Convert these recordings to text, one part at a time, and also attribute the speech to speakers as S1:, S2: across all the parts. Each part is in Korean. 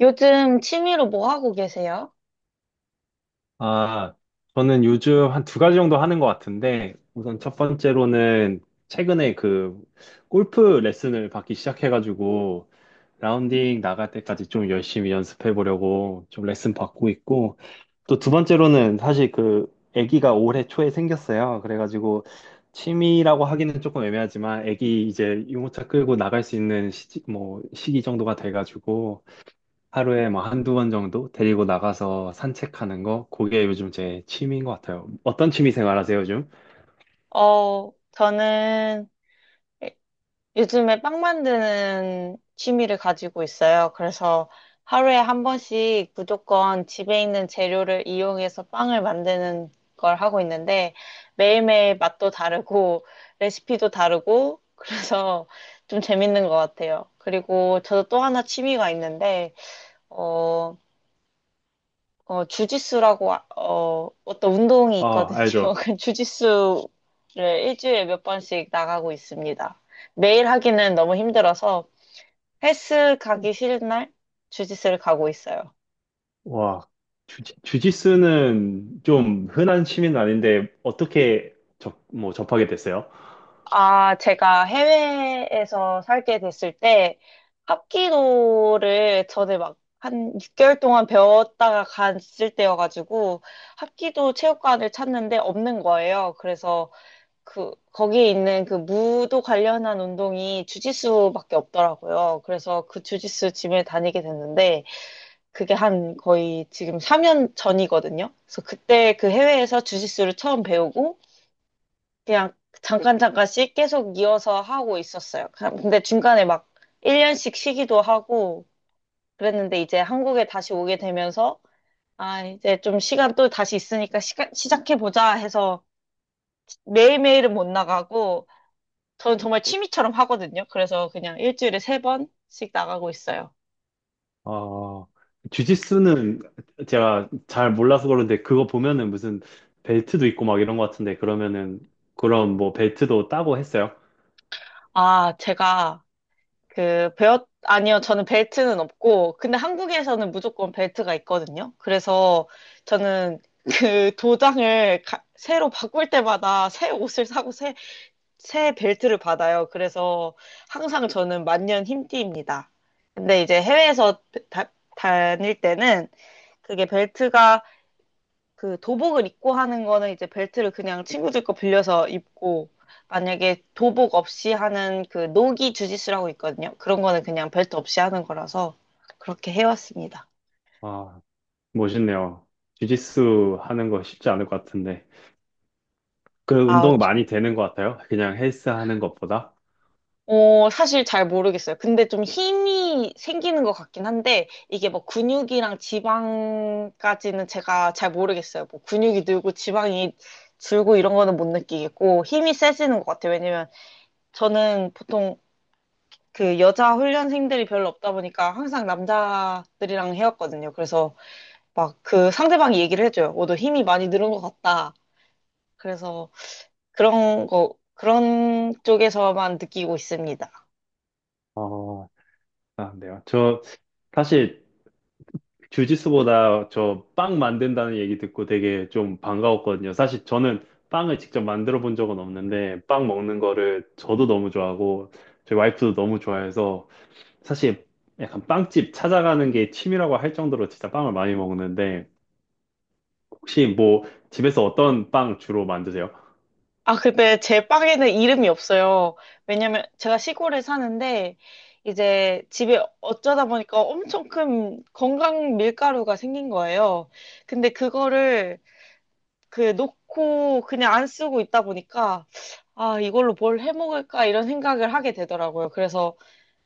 S1: 요즘 취미로 뭐 하고 계세요?
S2: 아, 저는 요즘 한 두 가지 정도 하는 것 같은데, 우선 첫 번째로는 최근에 그 골프 레슨을 받기 시작해가지고, 라운딩 나갈 때까지 좀 열심히 연습해 보려고 좀 레슨 받고 있고, 또 두 번째로는 사실 그 아기가 올해 초에 생겼어요. 그래가지고 취미라고 하기는 조금 애매하지만 아기 이제 유모차 끌고 나갈 수 있는 시기, 뭐 시기 정도가 돼가지고 하루에 뭐 한두 번 정도 데리고 나가서 산책하는 거, 그게 요즘 제 취미인 것 같아요. 어떤 취미 생활 하세요, 요즘?
S1: 저는 요즘에 빵 만드는 취미를 가지고 있어요. 그래서 하루에 한 번씩 무조건 집에 있는 재료를 이용해서 빵을 만드는 걸 하고 있는데 매일매일 맛도 다르고 레시피도 다르고 그래서 좀 재밌는 것 같아요. 그리고 저도 또 하나 취미가 있는데, 어, 주짓수라고, 어떤 운동이
S2: 아,
S1: 있거든요.
S2: 알죠.
S1: 그 주짓수를 일주일에 몇 번씩 나가고 있습니다. 매일 하기는 너무 힘들어서 헬스 가기 싫은 날 주짓수를 가고 있어요.
S2: 와, 주짓수는 좀 흔한 취미는 아닌데, 어떻게 뭐 접하게 됐어요?
S1: 아, 제가 해외에서 살게 됐을 때 합기도를 전에 막 한 6개월 동안 배웠다가 갔을 때여가지고 합기도 체육관을 찾는데 없는 거예요. 그래서 그 거기 있는 그 무도 관련한 운동이 주짓수밖에 없더라고요. 그래서 그 주짓수 짐을 다니게 됐는데 그게 한 거의 지금 3년 전이거든요. 그래서 그때 그 해외에서 주짓수를 처음 배우고 그냥 잠깐씩 계속 이어서 하고 있었어요. 그냥 근데 중간에 막 1년씩 쉬기도 하고 그랬는데 이제 한국에 다시 오게 되면서 아 이제 좀 시간 또 다시 있으니까 시간 시작해 보자 해서 매일매일은 못 나가고 저는 정말 취미처럼 하거든요. 그래서 그냥 일주일에 세 번씩 나가고 있어요.
S2: 아, 주짓수는 제가 잘 몰라서 그런데, 그거 보면은 무슨 벨트도 있고 막 이런 것 같은데, 그러면은, 그럼 뭐 벨트도 따고 했어요?
S1: 아, 제가 아니요, 저는 벨트는 없고, 근데 한국에서는 무조건 벨트가 있거든요. 그래서 저는 그 새로 바꿀 때마다 새 옷을 사고 새 벨트를 받아요. 그래서 항상 저는 만년 흰띠입니다. 근데 이제 해외에서 다, 다닐 때는 그게 벨트가 그 도복을 입고 하는 거는 이제 벨트를 그냥 친구들 거 빌려서 입고 만약에 도복 없이 하는 그 노기 주짓수라고 있거든요. 그런 거는 그냥 벨트 없이 하는 거라서 그렇게 해왔습니다.
S2: 아, 멋있네요. 주짓수 하는 거 쉽지 않을 것 같은데. 그
S1: 아,
S2: 운동 많이 되는 것 같아요. 그냥 헬스 하는 것보다.
S1: 사실 잘 모르겠어요. 근데 좀 힘이 생기는 것 같긴 한데 이게 뭐 근육이랑 지방까지는 제가 잘 모르겠어요. 뭐 근육이 늘고 지방이 줄고 이런 거는 못 느끼겠고 힘이 세지는 것 같아요. 왜냐면 저는 보통 그 여자 훈련생들이 별로 없다 보니까 항상 남자들이랑 해왔거든요. 그래서 막 그 상대방이 얘기를 해줘요. 어, 너 힘이 많이 늘은 것 같다. 그래서 그런 쪽에서만 느끼고 있습니다.
S2: 어, 아, 네요. 저 사실 주짓수보다 저 빵 만든다는 얘기 듣고 되게 좀 반가웠거든요. 사실 저는 빵을 직접 만들어 본 적은 없는데 빵 먹는 거를 저도 너무 좋아하고 저희 와이프도 너무 좋아해서 사실 약간 빵집 찾아가는 게 취미라고 할 정도로 진짜 빵을 많이 먹는데 혹시 뭐 집에서 어떤 빵 주로 만드세요?
S1: 아, 근데 제 빵에는 이름이 없어요. 왜냐면 제가 시골에 사는데 이제 집에 어쩌다 보니까 엄청 큰 건강 밀가루가 생긴 거예요. 근데 그거를 그 놓고 그냥 안 쓰고 있다 보니까 아, 이걸로 뭘 해먹을까 이런 생각을 하게 되더라고요. 그래서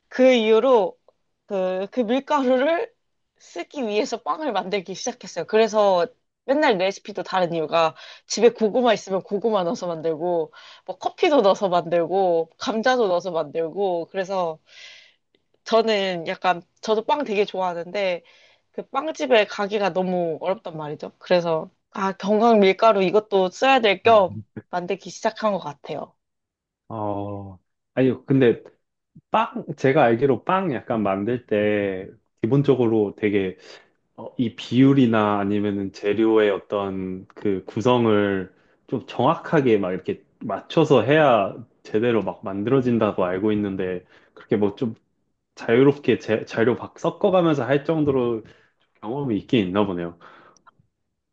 S1: 그 이후로 그 밀가루를 쓰기 위해서 빵을 만들기 시작했어요. 그래서 맨날 레시피도 다른 이유가 집에 고구마 있으면 고구마 넣어서 만들고 뭐 커피도 넣어서 만들고 감자도 넣어서 만들고 그래서 저는 약간, 저도 빵 되게 좋아하는데, 그 빵집에 가기가 너무 어렵단 말이죠. 그래서, 아, 건강 밀가루 이것도 써야 될 겸 만들기 시작한 것 같아요.
S2: 어, 아니요. 근데 빵, 제가 알기로 빵 약간 만들 때 기본적으로 되게 어, 이 비율이나 아니면은 재료의 어떤 그 구성을 좀 정확하게 막 이렇게 맞춰서 해야 제대로 막 만들어진다고 알고 있는데 그렇게 뭐 좀 자유롭게 재료 막 섞어가면서 할 정도로 경험이 있긴 있나 보네요.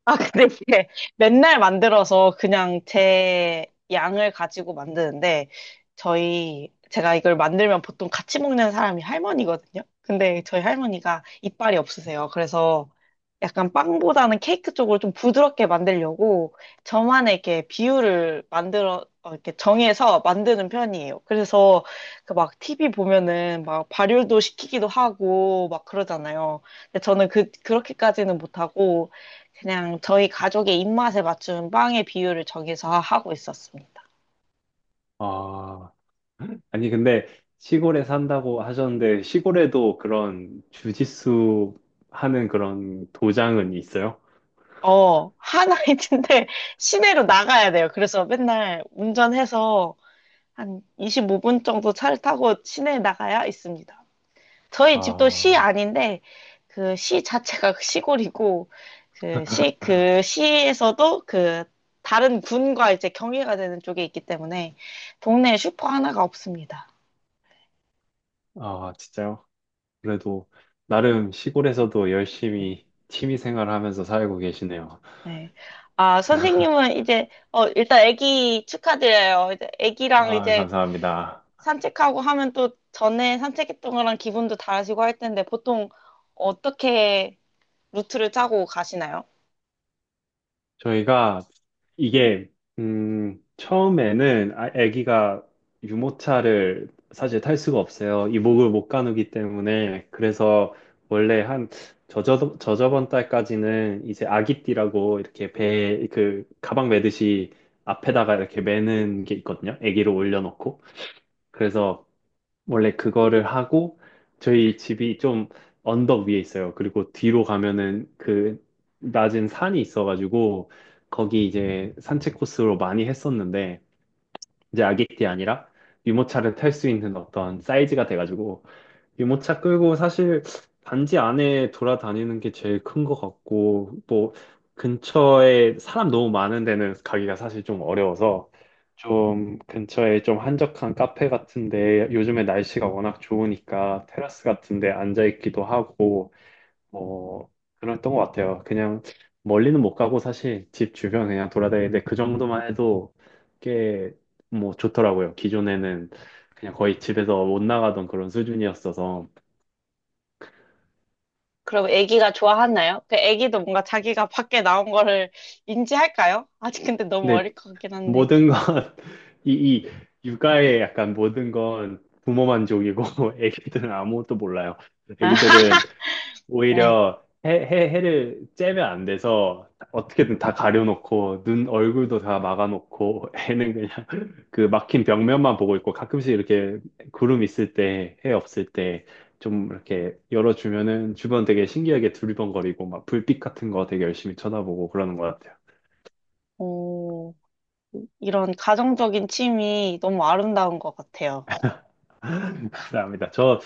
S1: 아, 근데 이게 맨날 만들어서 그냥 제 양을 가지고 만드는데, 제가 이걸 만들면 보통 같이 먹는 사람이 할머니거든요? 근데 저희 할머니가 이빨이 없으세요. 그래서 약간 빵보다는 케이크 쪽으로 좀 부드럽게 만들려고 저만의 이렇게 비율을 이렇게 정해서 만드는 편이에요. 그래서 그 막 TV 보면은 막 발효도 시키기도 하고 막 그러잖아요. 근데 저는 그렇게까지는 못하고, 그냥 저희 가족의 입맛에 맞춘 빵의 비율을 정해서 하고 있었습니다.
S2: 아, 아니 근데 시골에 산다고 하셨는데 시골에도 그런 주짓수 하는 그런 도장은 있어요?
S1: 어, 하나인데 시내로 나가야 돼요. 그래서 맨날 운전해서 한 25분 정도 차를 타고 시내에 나가야 있습니다. 저희 집도 시
S2: 아,
S1: 아닌데 그 시 자체가 시골이고 그 시에서도 그 다른 군과 이제 경계가 되는 쪽에 있기 때문에 동네에 슈퍼 하나가 없습니다.
S2: 아, 진짜요? 그래도 나름 시골에서도 열심히 취미 생활하면서 살고 계시네요.
S1: 네. 아, 선생님은 이제, 어, 일단 아기 축하드려요. 이제 아기랑
S2: 아,
S1: 이제
S2: 감사합니다.
S1: 산책하고 하면 또 전에 산책했던 거랑 기분도 다르시고 할 텐데 보통 어떻게 루트를 짜고 가시나요?
S2: 저희가 이게 처음에는 아기가 유모차를 사실 탈 수가 없어요. 이목을 못 가누기 때문에 그래서 원래 한 저저번 달까지는 이제 아기띠라고 이렇게 배 그 가방 매듯이 앞에다가 이렇게 매는 게 있거든요. 아기를 올려놓고 그래서 원래 그거를 하고 저희 집이 좀 언덕 위에 있어요. 그리고 뒤로 가면은 그 낮은 산이 있어가지고 거기 이제 산책 코스로 많이 했었는데 이제 아기띠 아니라 유모차를 탈 수 있는 어떤 사이즈가 돼가지고 유모차 끌고 사실 단지 안에 돌아다니는 게 제일 큰 것 같고, 뭐, 근처에 사람 너무 많은 데는 가기가 사실 좀 어려워서, 좀 근처에 좀 한적한 카페 같은데, 요즘에 날씨가 워낙 좋으니까 테라스 같은데 앉아있기도 하고, 뭐, 그랬던 것 같아요. 그냥 멀리는 못 가고 사실 집 주변 그냥 돌아다니는데 그 정도만 해도 꽤 뭐 좋더라고요. 기존에는 그냥 거의 집에서 못 나가던 그런 수준이었어서.
S1: 그럼 아기가 좋아하나요? 그 아기도 뭔가 자기가 밖에 나온 거를 인지할까요? 아직 근데 너무
S2: 근데
S1: 어릴 것 같긴 한데.
S2: 모든 건, 이, 이 육아의 약간 모든 건 부모 만족이고, 애기들은 아무것도 몰라요.
S1: 아,
S2: 애기들은
S1: 네.
S2: 오히려 해를 째면 안 돼서 어떻게든 다 가려놓고, 눈, 얼굴도 다 막아놓고, 애는 그냥 그 막힌 벽면만 보고 있고, 가끔씩 이렇게 구름 있을 때, 해 없을 때, 좀 이렇게 열어주면은 주변 되게 신기하게 두리번거리고, 막 불빛 같은 거 되게 열심히 쳐다보고 그러는 것 같아요.
S1: 오, 이런 가정적인 취미 너무 아름다운 것 같아요.
S2: 감사합니다. 저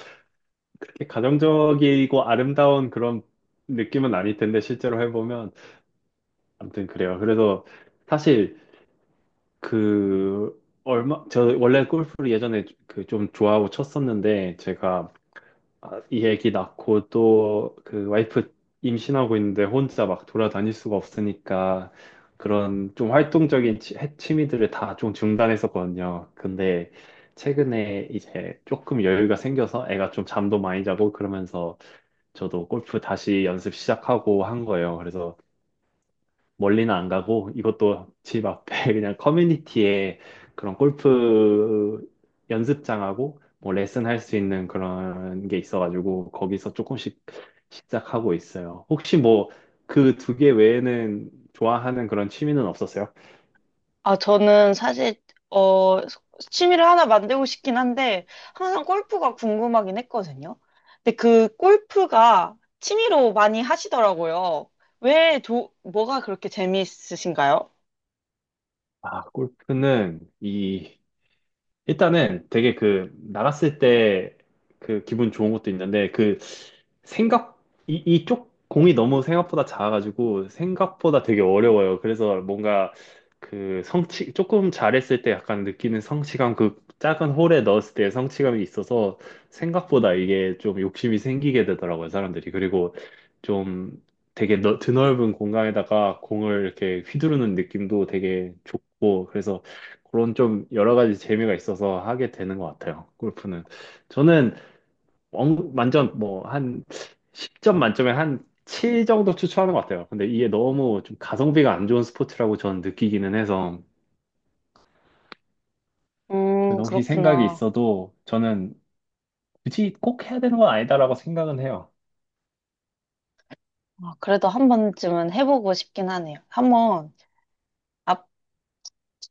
S2: 이렇게 가정적이고 아름다운 그런 느낌은 아닐 텐데 실제로 해보면 아무튼 그래요. 그래서 사실 그 얼마 저 원래 골프를 예전에 그 좀 좋아하고 쳤었는데 제가 아, 이 애기 낳고 또 그 와이프 임신하고 있는데 혼자 막 돌아다닐 수가 없으니까 그런 좀 활동적인 취미들을 다 좀 중단했었거든요. 근데 최근에 이제 조금 여유가 생겨서 애가 좀 잠도 많이 자고 그러면서 저도 골프 다시 연습 시작하고 한 거예요. 그래서 멀리는 안 가고 이것도 집 앞에 그냥 커뮤니티에 그런 골프 연습장하고 뭐 레슨 할 수 있는 그런 게 있어가지고 거기서 조금씩 시작하고 있어요. 혹시 뭐 그 두 개 외에는 좋아하는 그런 취미는 없었어요?
S1: 저는 사실, 어, 취미를 하나 만들고 싶긴 한데, 항상 골프가 궁금하긴 했거든요. 근데 그 골프가 취미로 많이 하시더라고요. 뭐가 그렇게 재미있으신가요?
S2: 아, 골프는 이 일단은 되게 그 나갔을 때 그 기분 좋은 것도 있는데 그 생각 이 이쪽 공이 너무 생각보다 작아가지고 생각보다 되게 어려워요. 그래서 뭔가 그 성취 조금 잘했을 때 약간 느끼는 성취감 그 작은 홀에 넣었을 때 성취감이 있어서 생각보다 이게 좀 욕심이 생기게 되더라고요, 사람들이. 그리고 좀 되게 드넓은 공간에다가 공을 이렇게 휘두르는 느낌도 되게 좋고 그래서 그런 좀 여러 가지 재미가 있어서 하게 되는 것 같아요. 골프는. 저는 완전 뭐 한 10점 만점에 한 7 정도 추천하는 것 같아요. 근데 이게 너무 좀 가성비가 안 좋은 스포츠라고 저는 느끼기는 해서 그래서 혹시 생각이
S1: 그렇구나.
S2: 있어도 저는 굳이 꼭 해야 되는 건 아니다라고 생각은 해요.
S1: 아, 그래도 한 번쯤은 해보고 싶긴 하네요. 한번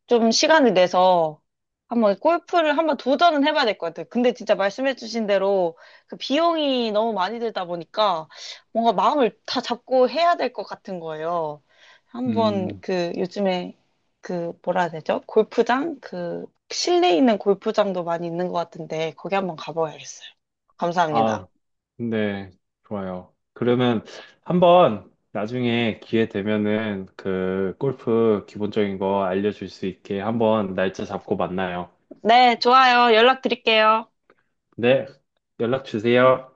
S1: 좀 시간을 내서 한번 골프를 한번 도전은 해봐야 될 것 같아요. 근데 진짜 말씀해주신 대로 그 비용이 너무 많이 들다 보니까 뭔가 마음을 다 잡고 해야 될 것 같은 거예요. 한번
S2: 음,
S1: 그 요즘에 그 뭐라 해야 되죠? 골프장? 그 실내에 있는 골프장도 많이 있는 것 같은데 거기 한번 가봐야겠어요. 감사합니다.
S2: 아, 근데 좋아요. 그러면 한번 나중에 기회 되면은 그 골프 기본적인 거 알려줄 수 있게 한번 날짜 잡고 만나요.
S1: 네, 좋아요. 연락 드릴게요.
S2: 네, 연락 주세요.